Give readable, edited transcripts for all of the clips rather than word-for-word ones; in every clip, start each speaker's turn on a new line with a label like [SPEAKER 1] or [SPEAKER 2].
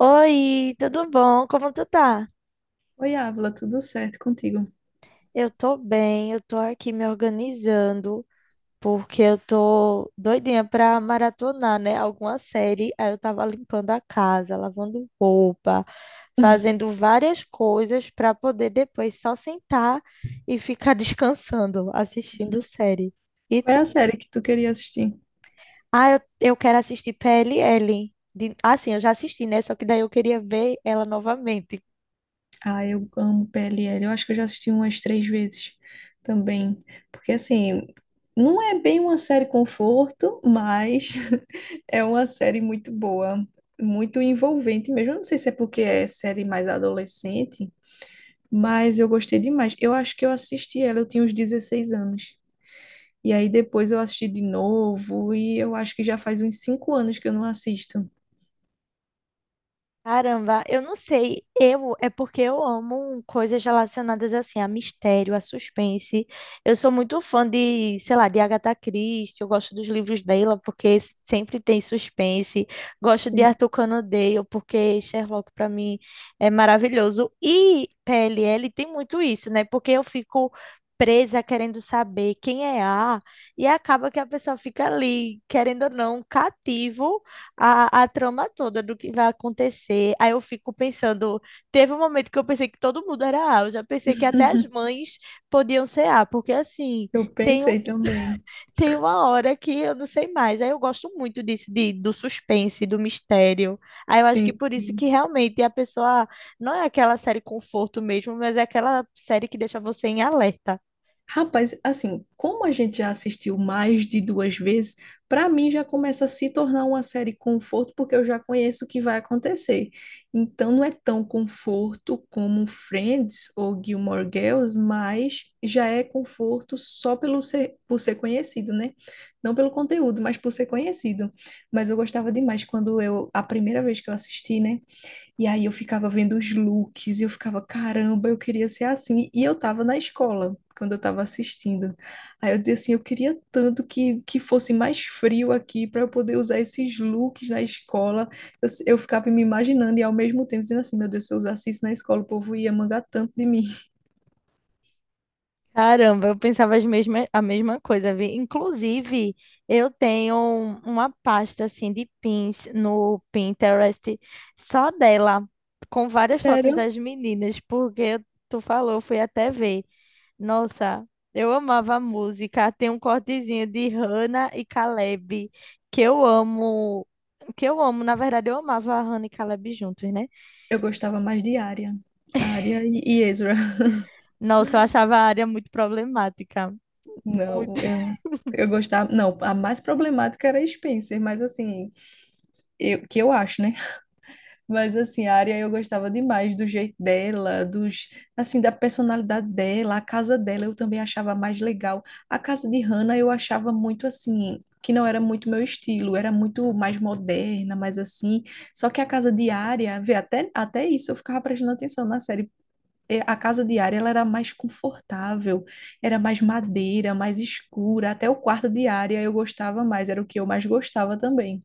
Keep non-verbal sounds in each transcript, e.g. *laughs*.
[SPEAKER 1] Oi, tudo bom? Como tu tá?
[SPEAKER 2] Oi, Ávila, tudo certo contigo?
[SPEAKER 1] Eu tô bem, eu tô aqui me organizando, porque eu tô doidinha pra maratonar, né? Alguma série. Aí eu tava limpando a casa, lavando roupa, fazendo várias coisas pra poder depois só sentar e ficar *laughs* descansando, assistindo série. E
[SPEAKER 2] Qual
[SPEAKER 1] tu?
[SPEAKER 2] é a série que tu queria assistir?
[SPEAKER 1] Ah, eu quero assistir PLL. De... Ah, sim, eu já assisti, né? Só que daí eu queria ver ela novamente.
[SPEAKER 2] Ah, eu amo PLL. Eu acho que eu já assisti umas três vezes também. Porque, assim, não é bem uma série conforto, mas *laughs* é uma série muito boa, muito envolvente mesmo. Eu não sei se é porque é série mais adolescente, mas eu gostei demais. Eu acho que eu assisti ela, eu tinha uns 16 anos. E aí depois eu assisti de novo, e eu acho que já faz uns 5 anos que eu não assisto.
[SPEAKER 1] Caramba, eu não sei. Eu é porque eu amo coisas relacionadas assim a mistério, a suspense. Eu sou muito fã de, sei lá, de Agatha Christie. Eu gosto dos livros dela porque sempre tem suspense. Gosto de
[SPEAKER 2] Sim,
[SPEAKER 1] Arthur Conan Doyle porque Sherlock para mim é maravilhoso. E PLL tem muito isso, né? Porque eu fico presa querendo saber quem é A e acaba que a pessoa fica ali, querendo ou não, cativo a trama toda do que vai acontecer. Aí eu fico pensando, teve um momento que eu pensei que todo mundo era A, eu já pensei que até as mães podiam ser A, porque assim,
[SPEAKER 2] eu
[SPEAKER 1] tem,
[SPEAKER 2] pensei também.
[SPEAKER 1] tem uma hora que eu não sei mais. Aí eu gosto muito disso, de, do suspense, do mistério. Aí eu acho que
[SPEAKER 2] Sim,
[SPEAKER 1] por isso que
[SPEAKER 2] sim.
[SPEAKER 1] realmente a pessoa não é aquela série conforto mesmo, mas é aquela série que deixa você em alerta.
[SPEAKER 2] Rapaz, assim, como a gente já assistiu mais de duas vezes, para mim já começa a se tornar uma série conforto, porque eu já conheço o que vai acontecer. Então não é tão conforto como Friends ou Gilmore Girls, mas já é conforto só pelo ser, por ser conhecido, né? Não pelo conteúdo, mas por ser conhecido. Mas eu gostava demais quando eu, a primeira vez que eu assisti, né? E aí eu ficava vendo os looks e eu ficava, caramba, eu queria ser assim. E eu tava na escola quando eu tava assistindo. Aí eu dizia assim, eu queria tanto que fosse mais frio aqui para eu poder usar esses looks na escola. Eu, s- eu ficava me imaginando e ao mesmo tempo dizendo assim, meu Deus, se eu usasse isso na escola, o povo ia mangar tanto de mim. *laughs*
[SPEAKER 1] Caramba, eu pensava as mesma, a mesma coisa, vi. Inclusive, eu tenho uma pasta assim de pins no Pinterest só dela, com várias fotos
[SPEAKER 2] Sério,
[SPEAKER 1] das meninas, porque tu falou, eu fui até ver. Nossa, eu amava a música. Tem um cortezinho de Hannah e Caleb que eu amo, que eu amo. Na verdade, eu amava a Hannah e Caleb juntos, né?
[SPEAKER 2] eu gostava mais de Arya. Arya e Ezra.
[SPEAKER 1] Nossa, eu achava a área muito problemática.
[SPEAKER 2] *laughs* Não, eu gostava... Não, a mais problemática era a Spencer, mas assim, eu, que eu acho, né? Mas assim, a Arya eu gostava demais do jeito dela, dos assim da personalidade dela, a casa dela eu também achava mais legal. A casa de Hannah eu achava muito assim, que não era muito meu estilo, era muito mais moderna, mais assim. Só que a casa de Arya, vê, até isso eu ficava prestando atenção na série. A casa de Arya ela era mais confortável, era mais madeira, mais escura, até o quarto de Arya eu gostava mais, era o que eu mais gostava também.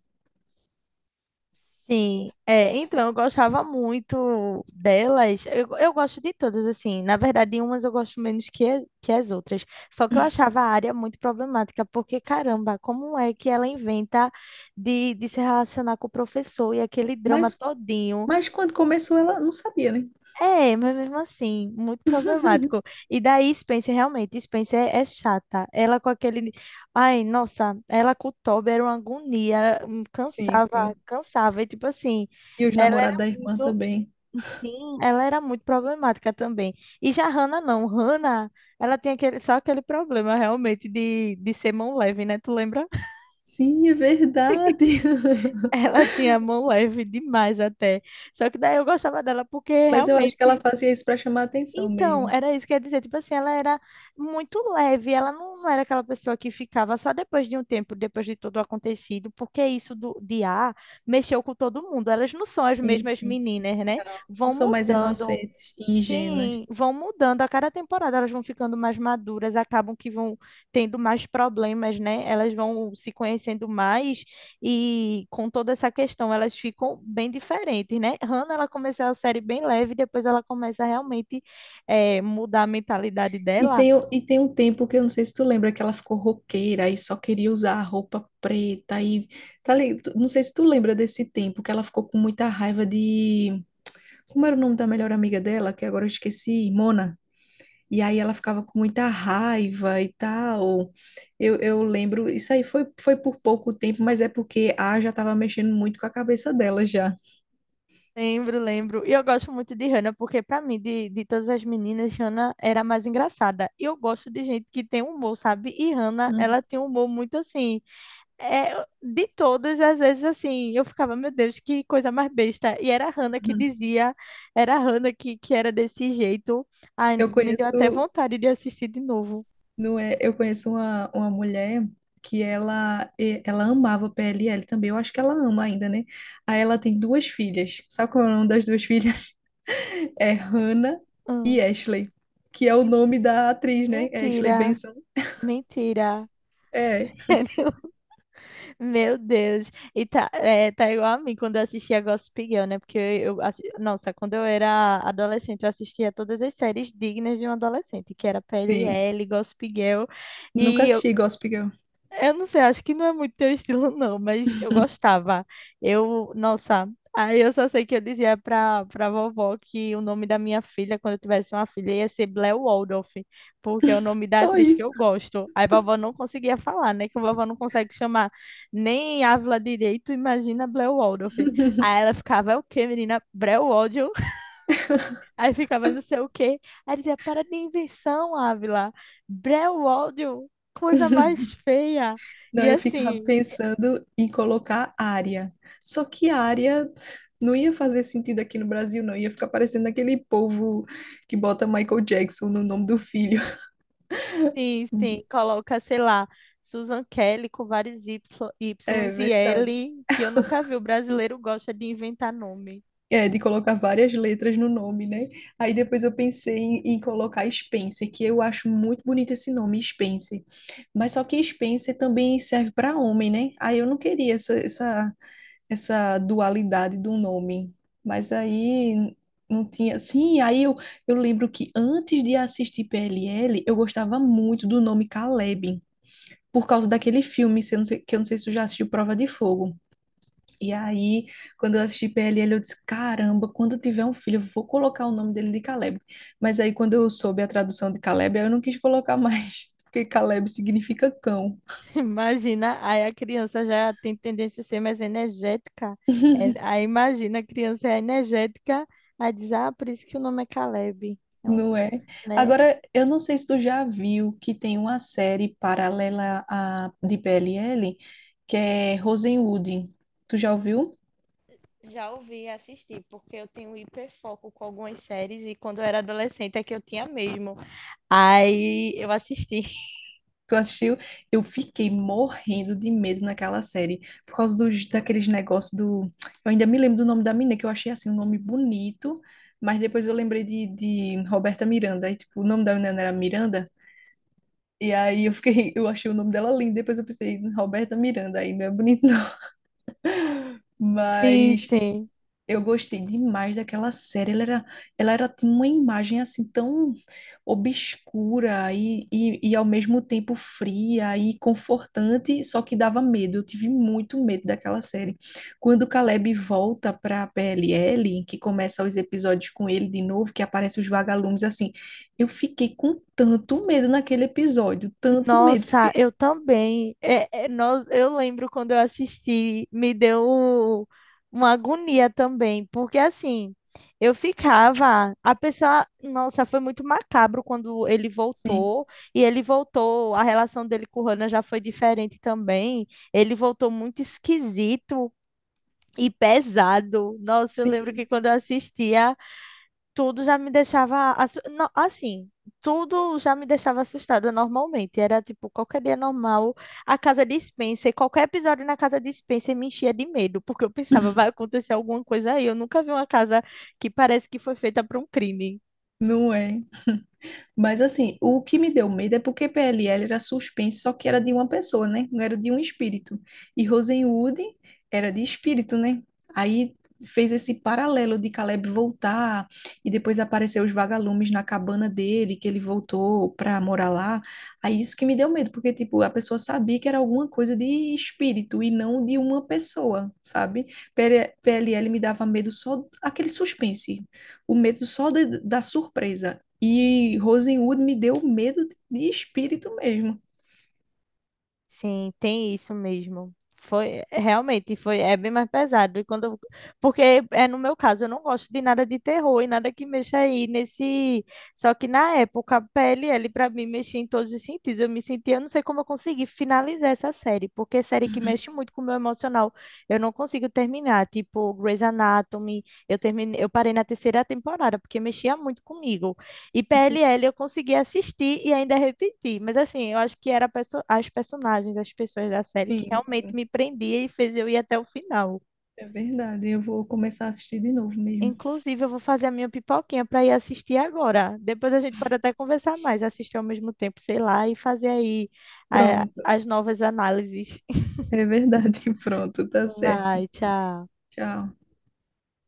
[SPEAKER 1] Sim, é, então eu gostava muito delas. Eu gosto de todas, assim. Na verdade, umas eu gosto menos que, que as outras. Só que eu achava a área muito problemática, porque caramba, como é que ela inventa de se relacionar com o professor e aquele drama
[SPEAKER 2] Mas
[SPEAKER 1] todinho?
[SPEAKER 2] mas quando começou ela não sabia, né?
[SPEAKER 1] É, mas mesmo assim, muito
[SPEAKER 2] *laughs*
[SPEAKER 1] problemático. E daí Spencer, realmente, Spencer é, é chata. Ela com aquele. Ai, nossa, ela com o Toby era uma agonia,
[SPEAKER 2] Sim,
[SPEAKER 1] cansava,
[SPEAKER 2] sim.
[SPEAKER 1] cansava. E tipo assim,
[SPEAKER 2] E os
[SPEAKER 1] ela era
[SPEAKER 2] namorados da irmã
[SPEAKER 1] muito.
[SPEAKER 2] também.
[SPEAKER 1] Sim, ela era muito problemática também. E já Hannah não. Hannah, ela tinha aquele, só aquele problema realmente de ser mão leve, né? Tu lembra? *laughs*
[SPEAKER 2] Sim, é verdade. *laughs*
[SPEAKER 1] Ela tinha mão leve demais até. Só que daí eu gostava dela porque
[SPEAKER 2] Mas eu acho que ela
[SPEAKER 1] realmente.
[SPEAKER 2] fazia isso para chamar atenção
[SPEAKER 1] Então,
[SPEAKER 2] mesmo.
[SPEAKER 1] era isso que eu ia dizer. Tipo assim, ela era muito leve. Ela não, não era aquela pessoa que ficava só depois de um tempo, depois de tudo acontecido, porque isso do, de ar mexeu com todo mundo. Elas não são as
[SPEAKER 2] Sim,
[SPEAKER 1] mesmas
[SPEAKER 2] sim.
[SPEAKER 1] meninas, né?
[SPEAKER 2] Não, não
[SPEAKER 1] Vão
[SPEAKER 2] são mais
[SPEAKER 1] mudando,
[SPEAKER 2] inocentes e ingênuas.
[SPEAKER 1] sim, vão mudando a cada temporada, elas vão ficando mais maduras, acabam que vão tendo mais problemas, né? Elas vão se conhecendo mais e com toda essa questão elas ficam bem diferentes, né? Hannah, ela começou a série bem leve, depois ela começa a realmente mudar a mentalidade
[SPEAKER 2] E
[SPEAKER 1] dela.
[SPEAKER 2] tem, e tem um tempo que eu não sei se tu lembra que ela ficou roqueira e só queria usar a roupa preta e tá, não sei se tu lembra desse tempo que ela ficou com muita raiva de como era o nome da melhor amiga dela, que agora eu esqueci, Mona. E aí ela ficava com muita raiva e tal. Eu lembro, isso aí foi, por pouco tempo, mas é porque a já estava mexendo muito com a cabeça dela já.
[SPEAKER 1] Lembro, lembro. E eu gosto muito de Hannah, porque para mim, de todas as meninas, Hannah era a mais engraçada. E eu gosto de gente que tem humor, sabe? E Hannah,
[SPEAKER 2] Uhum.
[SPEAKER 1] ela tem um humor muito assim. É, de todas, às vezes, assim, eu ficava, meu Deus, que coisa mais besta. E era a Hannah que dizia, era a Hannah que era desse jeito. Ai,
[SPEAKER 2] Eu
[SPEAKER 1] me deu até
[SPEAKER 2] conheço,
[SPEAKER 1] vontade de assistir de novo.
[SPEAKER 2] não é, eu conheço uma mulher que ela ela amava PLL também, eu acho que ela ama ainda, né? Aí ela tem duas filhas. Sabe qual é o nome das duas filhas? *laughs* É Hannah
[SPEAKER 1] Ah,
[SPEAKER 2] e Ashley, que é o nome da atriz, né? Ashley
[SPEAKER 1] mentira,
[SPEAKER 2] Benson.
[SPEAKER 1] mentira.
[SPEAKER 2] É,
[SPEAKER 1] *laughs* Sério? Meu Deus. E tá, é, tá igual a mim quando eu assistia Gossip Girl, né? Porque eu nossa, quando eu era adolescente, eu assistia todas as séries dignas de um adolescente, que era
[SPEAKER 2] sim.
[SPEAKER 1] PLL, Gossip Girl.
[SPEAKER 2] Nunca
[SPEAKER 1] E eu
[SPEAKER 2] assisti Gossip Girl.
[SPEAKER 1] Eu não sei, acho que não é muito teu estilo, *laughs* não, mas eu
[SPEAKER 2] *laughs*
[SPEAKER 1] gostava. Eu, nossa, aí eu só sei que eu dizia pra, pra vovó que o nome da minha filha, quando eu tivesse uma filha, ia ser Blair Waldorf, porque é o nome da
[SPEAKER 2] Só
[SPEAKER 1] atriz que
[SPEAKER 2] isso.
[SPEAKER 1] eu gosto. Aí vovó não conseguia falar, né? Que a vovó não consegue chamar nem Ávila direito, imagina Blair Waldorf. Aí
[SPEAKER 2] *laughs*
[SPEAKER 1] ela ficava, é o quê, menina? Blair Waldorf. Aí ficava não sei o quê. Aí dizia, para de invenção, Ávila. Brewódio, coisa mais feia.
[SPEAKER 2] Não,
[SPEAKER 1] E
[SPEAKER 2] eu ficava
[SPEAKER 1] assim,
[SPEAKER 2] pensando em colocar área. Só que área não ia fazer sentido aqui no Brasil, não. Ia ficar parecendo aquele povo que bota Michael Jackson no nome do filho.
[SPEAKER 1] sim, sim,
[SPEAKER 2] *laughs*
[SPEAKER 1] coloca, sei lá, Susan Kelly com vários Y,
[SPEAKER 2] É
[SPEAKER 1] Ys e
[SPEAKER 2] verdade.
[SPEAKER 1] L, que eu nunca vi. O brasileiro gosta de inventar nome.
[SPEAKER 2] É, de colocar várias letras no nome, né? Aí depois eu pensei em colocar Spencer, que eu acho muito bonito esse nome, Spencer. Mas só que Spencer também serve para homem, né? Aí eu não queria essa, essa dualidade do nome. Mas aí não tinha. Sim, aí eu lembro que antes de assistir PLL, eu gostava muito do nome Caleb, por causa daquele filme, se eu não sei- que eu não sei se tu já assistiu Prova de Fogo. E aí, quando eu assisti PLL, eu disse: caramba, quando eu tiver um filho, eu vou colocar o nome dele de Caleb. Mas aí, quando eu soube a tradução de Caleb, aí eu não quis colocar mais, *laughs* porque Caleb significa cão.
[SPEAKER 1] *laughs* Imagina, aí a criança já tem tendência a ser mais energética. É,
[SPEAKER 2] *laughs*
[SPEAKER 1] aí imagina, a criança é energética, aí diz, ah, por isso que o nome é Caleb. É um,
[SPEAKER 2] Não é?
[SPEAKER 1] né?
[SPEAKER 2] Agora, eu não sei se tu já viu que tem uma série paralela à de PLL, que é Rosewood. Tu já ouviu?
[SPEAKER 1] Já ouvi e assisti, porque eu tenho hiperfoco com algumas séries e quando eu era adolescente é que eu tinha mesmo. Aí eu assisti.
[SPEAKER 2] Tu assistiu? Eu fiquei morrendo de medo naquela série, por causa daqueles negócios do... Eu ainda me lembro do nome da menina, que eu achei, assim, um nome bonito, mas depois eu lembrei de Roberta Miranda, aí, tipo, o nome da menina era Miranda, e aí eu fiquei, eu achei o nome dela lindo, depois eu pensei, Roberta Miranda, aí não é bonito não. *laughs*
[SPEAKER 1] Sim,
[SPEAKER 2] Mas
[SPEAKER 1] sim.
[SPEAKER 2] eu gostei demais daquela série. Ela era tinha uma imagem assim tão obscura e ao mesmo tempo fria e confortante, só que dava medo. Eu tive muito medo daquela série. Quando o Caleb volta para a PLL, que começa os episódios com ele de novo, que aparecem os vagalumes assim, eu fiquei com tanto medo naquele episódio, tanto medo,
[SPEAKER 1] Nossa,
[SPEAKER 2] porque
[SPEAKER 1] eu também. É, é, nós, eu lembro quando eu assisti, me deu uma agonia também, porque assim, eu ficava, a pessoa, nossa, foi muito macabro quando ele
[SPEAKER 2] sim,
[SPEAKER 1] voltou, e ele voltou, a relação dele com o Hannah já foi diferente também. Ele voltou muito esquisito, e pesado. Nossa, eu lembro que
[SPEAKER 2] sim,
[SPEAKER 1] quando eu assistia, tudo já me deixava. Assim, tudo já me deixava assustada normalmente. Era tipo, qualquer dia normal, a casa de Spencer, qualquer episódio na casa de Spencer me enchia de medo, porque eu pensava, vai acontecer alguma coisa aí. Eu nunca vi uma casa que parece que foi feita para um crime.
[SPEAKER 2] não é. Mas assim, o que me deu medo é porque PLL era suspense, só que era de uma pessoa, né? Não era de um espírito. E Rosenwood era de espírito, né? Aí fez esse paralelo de Caleb voltar e depois apareceu os vagalumes na cabana dele, que ele voltou para morar lá. Aí isso que me deu medo, porque tipo, a pessoa sabia que era alguma coisa de espírito e não de uma pessoa, sabe? PLL me dava medo só aquele suspense, o medo só da surpresa. E Rosenwood me deu medo de espírito mesmo. *laughs*
[SPEAKER 1] Sim, tem isso mesmo. Foi é, realmente foi é bem mais pesado e quando porque é no meu caso, eu não gosto de nada de terror e nada que mexa aí nesse só que na época a PLL para mim mexia em todos os sentidos. Eu me sentia, eu não sei como eu consegui finalizar essa série, porque é série que
[SPEAKER 2] Uhum.
[SPEAKER 1] mexe muito com o meu emocional, eu não consigo terminar, tipo Grey's Anatomy, eu terminei, eu parei na terceira temporada porque mexia muito comigo. E
[SPEAKER 2] Ente-
[SPEAKER 1] PLL eu consegui assistir e ainda repetir, mas assim, eu acho que era a as personagens, as pessoas da série que
[SPEAKER 2] Sim,
[SPEAKER 1] realmente
[SPEAKER 2] sim,
[SPEAKER 1] me prendia e fez eu ir até o final.
[SPEAKER 2] é verdade. Eu vou começar a assistir de novo mesmo.
[SPEAKER 1] Inclusive, eu vou fazer a minha pipoquinha para ir assistir agora. Depois a gente pode até conversar mais, assistir ao mesmo tempo, sei lá, e fazer aí
[SPEAKER 2] Pronto,
[SPEAKER 1] as novas análises. *laughs*
[SPEAKER 2] é verdade. *laughs* Pronto, tá certo.
[SPEAKER 1] Vai, tchau.
[SPEAKER 2] Tchau.